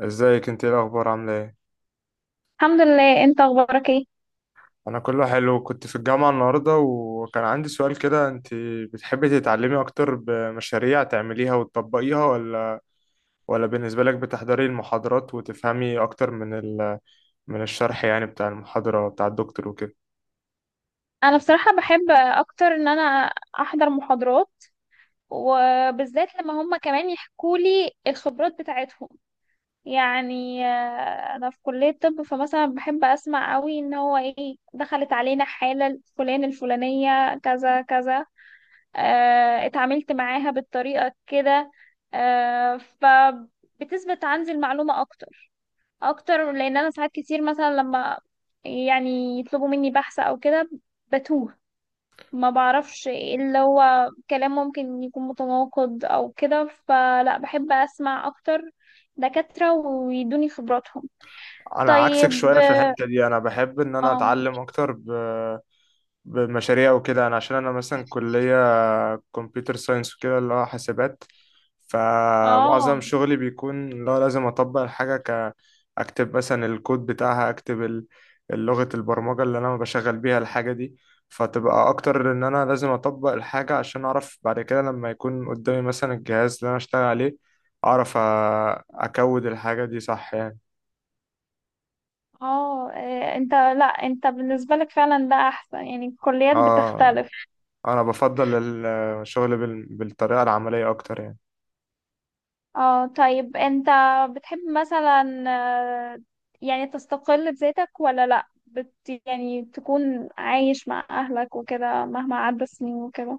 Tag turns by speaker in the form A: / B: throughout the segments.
A: ازيك؟ انت ايه الاخبار؟ عامله ايه؟
B: الحمد لله، انت اخبارك ايه؟
A: انا كله حلو، كنت في الجامعه النهارده وكان عندي سؤال كده. انت بتحبي تتعلمي اكتر بمشاريع تعمليها وتطبقيها، ولا بالنسبه لك بتحضري المحاضرات وتفهمي اكتر من الشرح يعني، بتاع المحاضره بتاع الدكتور وكده؟
B: انا بصراحة بحب اكتر ان انا احضر محاضرات، وبالذات لما هم كمان يحكوا لي الخبرات بتاعتهم. يعني انا في كلية طب، فمثلا بحب اسمع قوي ان هو ايه دخلت علينا حالة الفلان الفلانية كذا كذا. اه، اتعاملت معاها بالطريقة كده. اه، فبتثبت عندي المعلومة اكتر اكتر، لان انا ساعات كتير مثلا لما يعني يطلبوا مني بحث او كده بتوه، ما بعرفش إيه اللي هو كلام ممكن يكون متناقض او كده، فلا بحب اسمع اكتر دكاترة ويدوني خبراتهم.
A: انا عكسك
B: طيب.
A: شويه في الحته دي، انا بحب ان انا
B: اه،
A: اتعلم اكتر بمشاريع وكده. انا عشان انا مثلا كليه كمبيوتر ساينس وكده، اللي هو حاسبات،
B: اه،
A: فمعظم شغلي بيكون اللي هو لازم اطبق الحاجة، اكتب مثلا الكود بتاعها، اكتب لغة البرمجة اللي انا بشغل بيها الحاجة دي. فتبقى اكتر ان انا لازم اطبق الحاجة عشان اعرف بعد كده لما يكون قدامي مثلا الجهاز اللي انا اشتغل عليه، اعرف اكود الحاجة دي صح يعني.
B: اه. إيه، انت، لا، انت بالنسبة لك فعلا ده احسن، يعني الكليات
A: اه،
B: بتختلف.
A: انا بفضل الشغل بالطريقة العملية اكتر يعني.
B: اه، طيب. انت بتحب مثلا، آه، يعني تستقل بذاتك ولا لا، يعني تكون عايش مع اهلك وكده مهما عدى السنين وكده؟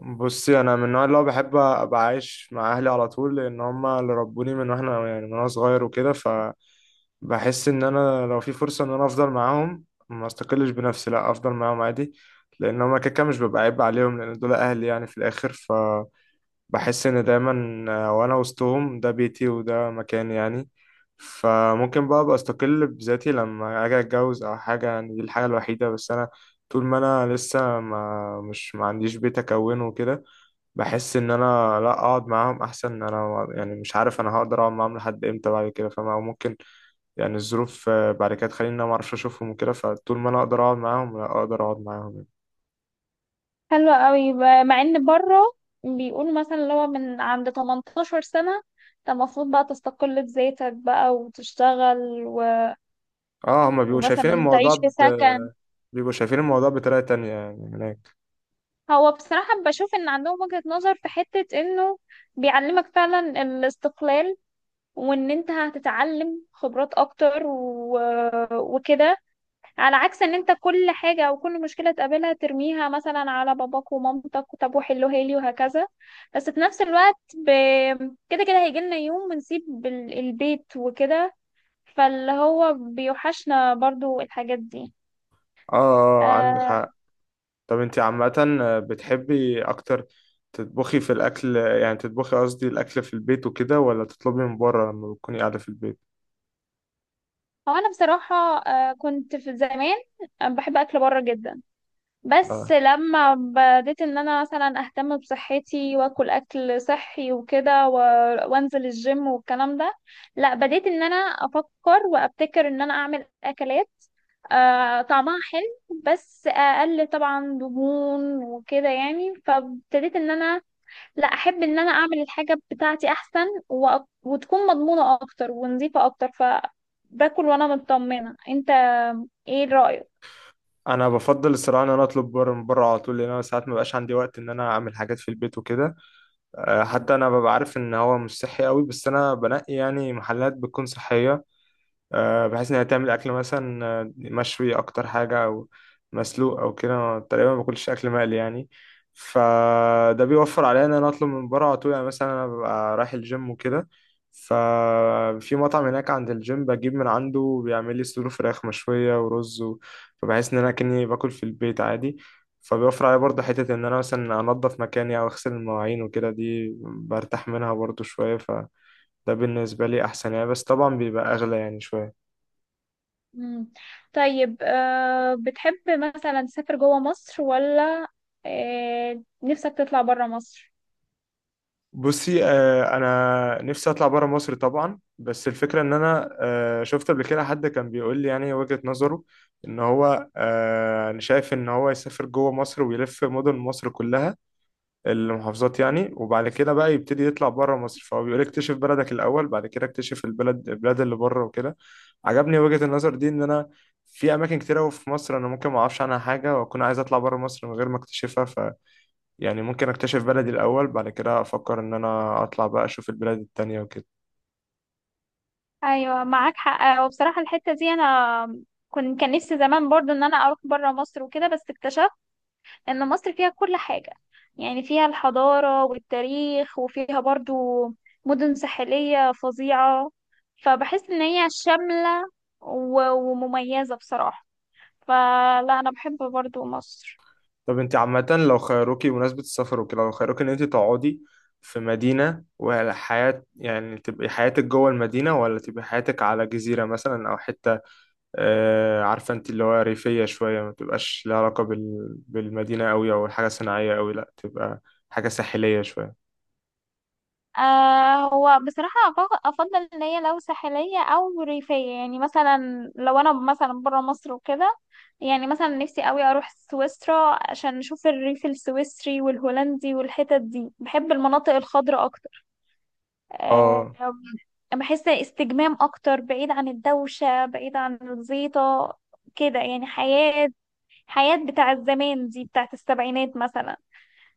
A: بصي، انا من النوع اللي هو بحب ابقى عايش مع اهلي على طول، لان هم اللي ربوني من واحنا يعني من وانا صغير وكده، فبحس ان انا لو في فرصه ان انا افضل معاهم ما استقلش بنفسي، لا افضل معاهم عادي. لان هم كده كده مش ببقى عيب عليهم، لان دول اهلي يعني في الاخر، فبحس ان دايما وانا وسطهم ده بيتي وده مكاني يعني. فممكن بقى ابقى استقل بذاتي لما اجي اتجوز او حاجه، يعني دي الحاجه الوحيده. بس انا طول ما انا لسه ما عنديش بيت اكونه وكده، بحس ان انا لا، اقعد معاهم احسن، ان انا يعني مش عارف انا هقدر اقعد معاهم لحد امتى بعد كده، فاهم؟ او ممكن يعني الظروف بعد كده تخليني إن انا ما اعرفش اشوفهم وكده، فطول ما انا اقدر اقعد معاهم لا اقدر اقعد معاهم يعني.
B: حلو قوي. مع ان بره بيقولوا مثلا اللي هو من عند 18 سنة انت المفروض بقى تستقل بذاتك بقى وتشتغل و...
A: اه، هما بيبقوا شايفين
B: ومثلا
A: الموضوع
B: تعيش في سكن.
A: بطريقة تانية يعني هناك.
B: هو بصراحة بشوف ان عندهم وجهة نظر في حتة انه بيعلمك فعلا الاستقلال، وان انت هتتعلم خبرات اكتر وكده، على عكس ان انت كل حاجة او كل مشكلة تقابلها ترميها مثلا على باباك ومامتك، طب وحلوها لي وهكذا. بس في نفس الوقت كده كده هيجي لنا يوم ونسيب البيت وكده، فاللي هو بيوحشنا برضو الحاجات دي.
A: اه، اه، آه، عندك
B: آه،
A: حق. طب انت عامة، بتحبي اكتر تطبخي في الاكل، يعني تطبخي قصدي الاكل في البيت وكده، ولا تطلبي من بره لما بتكوني قاعدة في البيت؟
B: هو انا بصراحة كنت في زمان بحب اكل بره جدا. بس
A: اه،
B: لما بديت ان انا مثلا اهتم بصحتي واكل اكل صحي وكده وانزل الجيم والكلام ده، لا، بديت ان انا افكر وابتكر ان انا اعمل اكلات طعمها حلو بس اقل طبعا دهون وكده. يعني فابتديت ان انا لا، احب ان انا اعمل الحاجة بتاعتي احسن وتكون مضمونة اكتر ونظيفة اكتر، فباكل وانا مطمنة. انت ايه رأيك؟
A: انا بفضل الصراحه ان انا اطلب بره من بره على طول، لان انا ساعات ما بقاش عندي وقت ان انا اعمل حاجات في البيت وكده. حتى انا ببقى عارف ان هو مش صحي قوي، بس انا بنقي يعني محلات بتكون صحيه، بحيث انها تعمل اكل مثلا مشوي اكتر حاجه او مسلوق او كده. أنا تقريبا ما باكلش اكل مقلي يعني، فده بيوفر عليا ان انا اطلب من بره على طول. يعني مثلا انا ببقى رايح الجيم وكده، ففي مطعم هناك عند الجيم بجيب من عنده، بيعمل لي صدور فراخ مشويه ورز فبحس ان انا كاني باكل في البيت عادي. فبيوفر عليا برضه حتة إن أنا مثلا أنضف مكاني أو أغسل المواعين وكده، دي برتاح منها برضه شوية، فده بالنسبة لي أحسن يعني، بس طبعا بيبقى أغلى يعني شوية.
B: مم. طيب، بتحب مثلا تسافر جوه مصر ولا نفسك تطلع برا مصر؟
A: بصي، انا نفسي اطلع بره مصر طبعا، بس الفكره ان انا شفت قبل كده حد كان بيقول لي يعني وجهه نظره، ان هو، انا شايف ان هو يسافر جوه مصر ويلف مدن مصر كلها، المحافظات يعني، وبعد كده بقى يبتدي يطلع بره مصر. فهو بيقول اكتشف بلدك الاول، بعد كده اكتشف البلاد اللي بره وكده. عجبني وجهه النظر دي، ان انا في اماكن كتير أوي في مصر انا ممكن ما اعرفش عنها حاجه واكون عايز اطلع بره مصر من غير ما اكتشفها. يعني ممكن اكتشف بلدي الاول، بعد كده افكر ان انا اطلع بقى اشوف البلاد التانية وكده.
B: ايوه، معاك حق. وبصراحه الحته دي انا كنت، كان نفسي زمان برضو ان انا اروح بره مصر وكده، بس اكتشفت ان مصر فيها كل حاجه. يعني فيها الحضاره والتاريخ، وفيها برضو مدن ساحليه فظيعه، فبحس ان هي شامله ومميزه بصراحه. فلا، انا بحب برضو مصر.
A: طب انت عامة لو خيروكي بمناسبة السفر وكده، لو خيروكي ان انت تقعدي في مدينة وحياة، يعني تبقي حياتك جوه المدينة، ولا تبقي حياتك على جزيرة مثلا او حتة عارفة انت اللي هو ريفية شوية، ما تبقاش لها علاقة بالمدينة قوي او حاجة صناعية قوي، لا تبقى حاجة ساحلية شوية؟
B: هو بصراحة أفضل إن هي لو ساحلية أو ريفية. يعني مثلا لو أنا مثلا برا مصر وكده، يعني مثلا نفسي أوي أروح سويسرا عشان نشوف الريف السويسري والهولندي والحتت دي. بحب المناطق الخضراء أكتر. آه
A: اه،
B: بحس استجمام أكتر، بعيد عن الدوشة، بعيد عن الزيطة كده. يعني حياة بتاع الزمان دي، بتاعت السبعينات مثلا.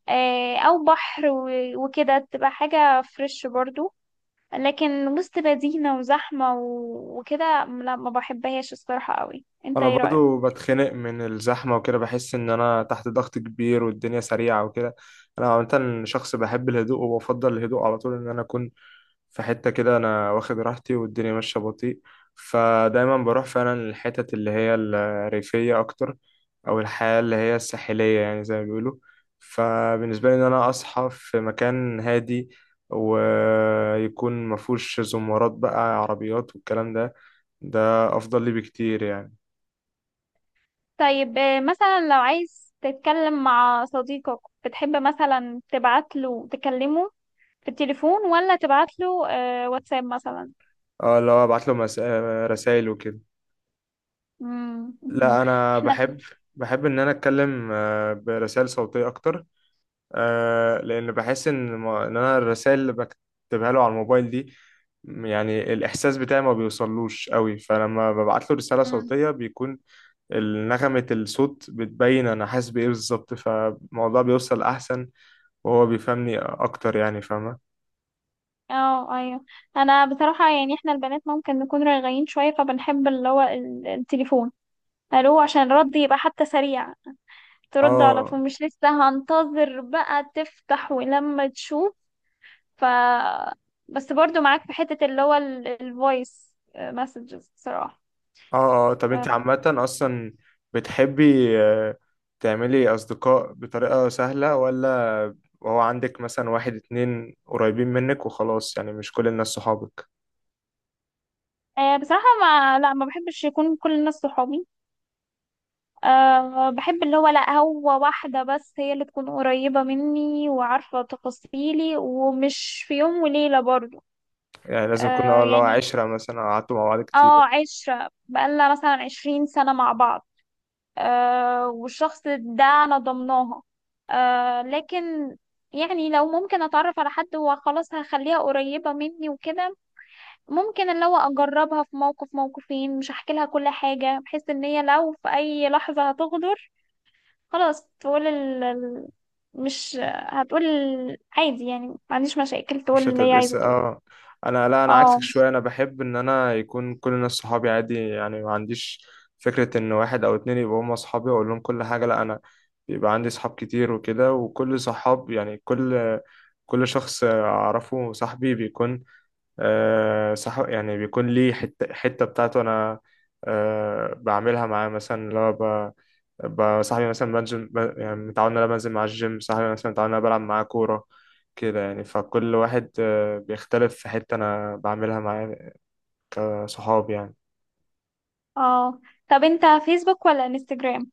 B: أو بحر وكده تبقى حاجة فريش برضو. لكن وسط مدينة وزحمة وكده، لا، ما بحبهاش الصراحة قوي. انت
A: انا
B: ايه رأيك؟
A: برضو بتخنق من الزحمه وكده، بحس ان انا تحت ضغط كبير والدنيا سريعه وكده. انا عامه شخص بحب الهدوء، وبفضل الهدوء على طول ان انا اكون في حته كده انا واخد راحتي والدنيا ماشيه بطيء، فدايما بروح فعلا للحتت اللي هي الريفيه اكتر، او الحياه اللي هي الساحليه، يعني زي ما بيقولوا. فبالنسبه لي ان انا اصحى في مكان هادي ويكون مفهوش زمارات بقى عربيات والكلام ده، ده افضل لي بكتير يعني.
B: طيب، مثلا لو عايز تتكلم مع صديقك، بتحب مثلا تبعت له تكلمه في التليفون، ولا تبعت له واتساب مثلا؟
A: اه، اللي هو ابعت له رسائل وكده؟
B: مم، مهم.
A: لا، انا
B: احنا.
A: بحب ان انا اتكلم برسائل صوتيه اكتر، لان بحس ان ما... ان انا الرسائل اللي بكتبها له على الموبايل دي، يعني الاحساس بتاعي ما بيوصلوش قوي، فلما ببعت له رساله
B: مم.
A: صوتيه بيكون نغمه الصوت بتبين انا حاسس بايه بالظبط، فالموضوع بيوصل احسن وهو بيفهمني اكتر يعني، فاهمه؟
B: اه، ايوه. انا بصراحة يعني احنا البنات ممكن نكون رايقين شوية، فبنحب اللي هو التليفون. الو، عشان الرد يبقى حتى سريع، ترد على
A: اه،
B: طول، مش لسه هنتظر بقى تفتح ولما تشوف. ف بس برضو معاك في حتة اللي هو الفويس مسجز بصراحة.
A: اه، اه، طب انت
B: آه،
A: عامة اصلا بتحبي، تعملي اصدقاء بطريقة سهلة؟ ولا هو عندك مثلا واحد اتنين قريبين منك وخلاص، يعني مش كل الناس صحابك؟
B: بصراحة، ما لا، ما بحبش يكون كل الناس صحابي. أه، بحب اللي هو، لا، هو واحدة بس هي اللي تكون قريبة مني وعارفة تفاصيلي، ومش في يوم وليلة برضو.
A: يعني لازم يكون
B: أه
A: اه، اللي هو
B: يعني،
A: عشرة مثلا، أو قعدتوا مع بعض
B: اه،
A: كتير.
B: عشرة بقالنا مثلا 20 سنة مع بعض. والشخص ده أنا ضمناها. لكن يعني لو ممكن أتعرف على حد وخلاص هخليها قريبة مني وكده، ممكن اللي هو أجربها في موقف موقفين، مش هحكي لها كل حاجة، بحيث إن هي لو في أي لحظة هتغدر خلاص تقول مش هتقول، عادي، يعني ما عنديش مشاكل
A: مش
B: تقول اللي هي
A: هتبقى
B: عايزة تقول.
A: انا، لا، انا عكسك
B: اه،
A: شويه، انا بحب ان انا يكون كل الناس صحابي عادي، يعني ما عنديش فكره ان واحد او اتنين يبقوا هم صحابي واقول لهم كل حاجه. لا، انا بيبقى عندي صحاب كتير وكده، وكل صحاب يعني كل شخص اعرفه صاحبي بيكون صح يعني، بيكون ليه حته حته بتاعته انا بعملها معاه. مثلا اللي هو بقى صاحبي مثلا بنزل يعني متعود ان انا بنزل مع الجيم، صاحبي مثلا متعود ان انا بلعب معاه كورة كده يعني. فكل واحد بيختلف في حتة انا بعملها معاه كصحاب يعني.
B: اه. طب انت فيسبوك ولا انستجرام؟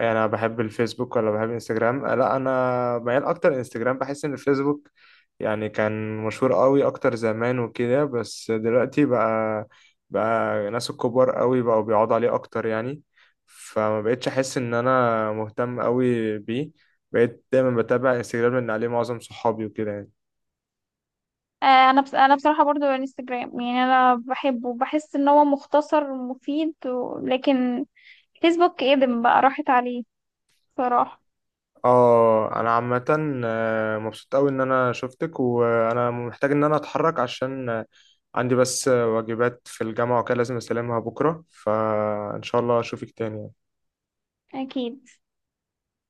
A: انا بحب الفيسبوك ولا بحب انستجرام؟ لا، انا ميال اكتر انستجرام. بحس ان الفيسبوك يعني كان مشهور قوي اكتر زمان وكده، بس دلوقتي بقى ناس الكبار قوي بقوا بيقعدوا عليه اكتر يعني، فما بقتش احس ان انا مهتم قوي بيه. بقيت دايما بتابع انستجرام لان عليه معظم صحابي وكده يعني.
B: آه، انا بس، انا بصراحه برضو انستجرام. يعني انا بحبه، بحس ان هو مختصر ومفيد لكن فيسبوك ادم بقى، راحت عليه بصراحه.
A: اه، انا عامة مبسوط قوي ان انا شفتك، وانا محتاج ان انا اتحرك عشان عندي بس واجبات في الجامعة وكده لازم اسلمها بكرة، فان شاء الله اشوفك تاني.
B: اكيد.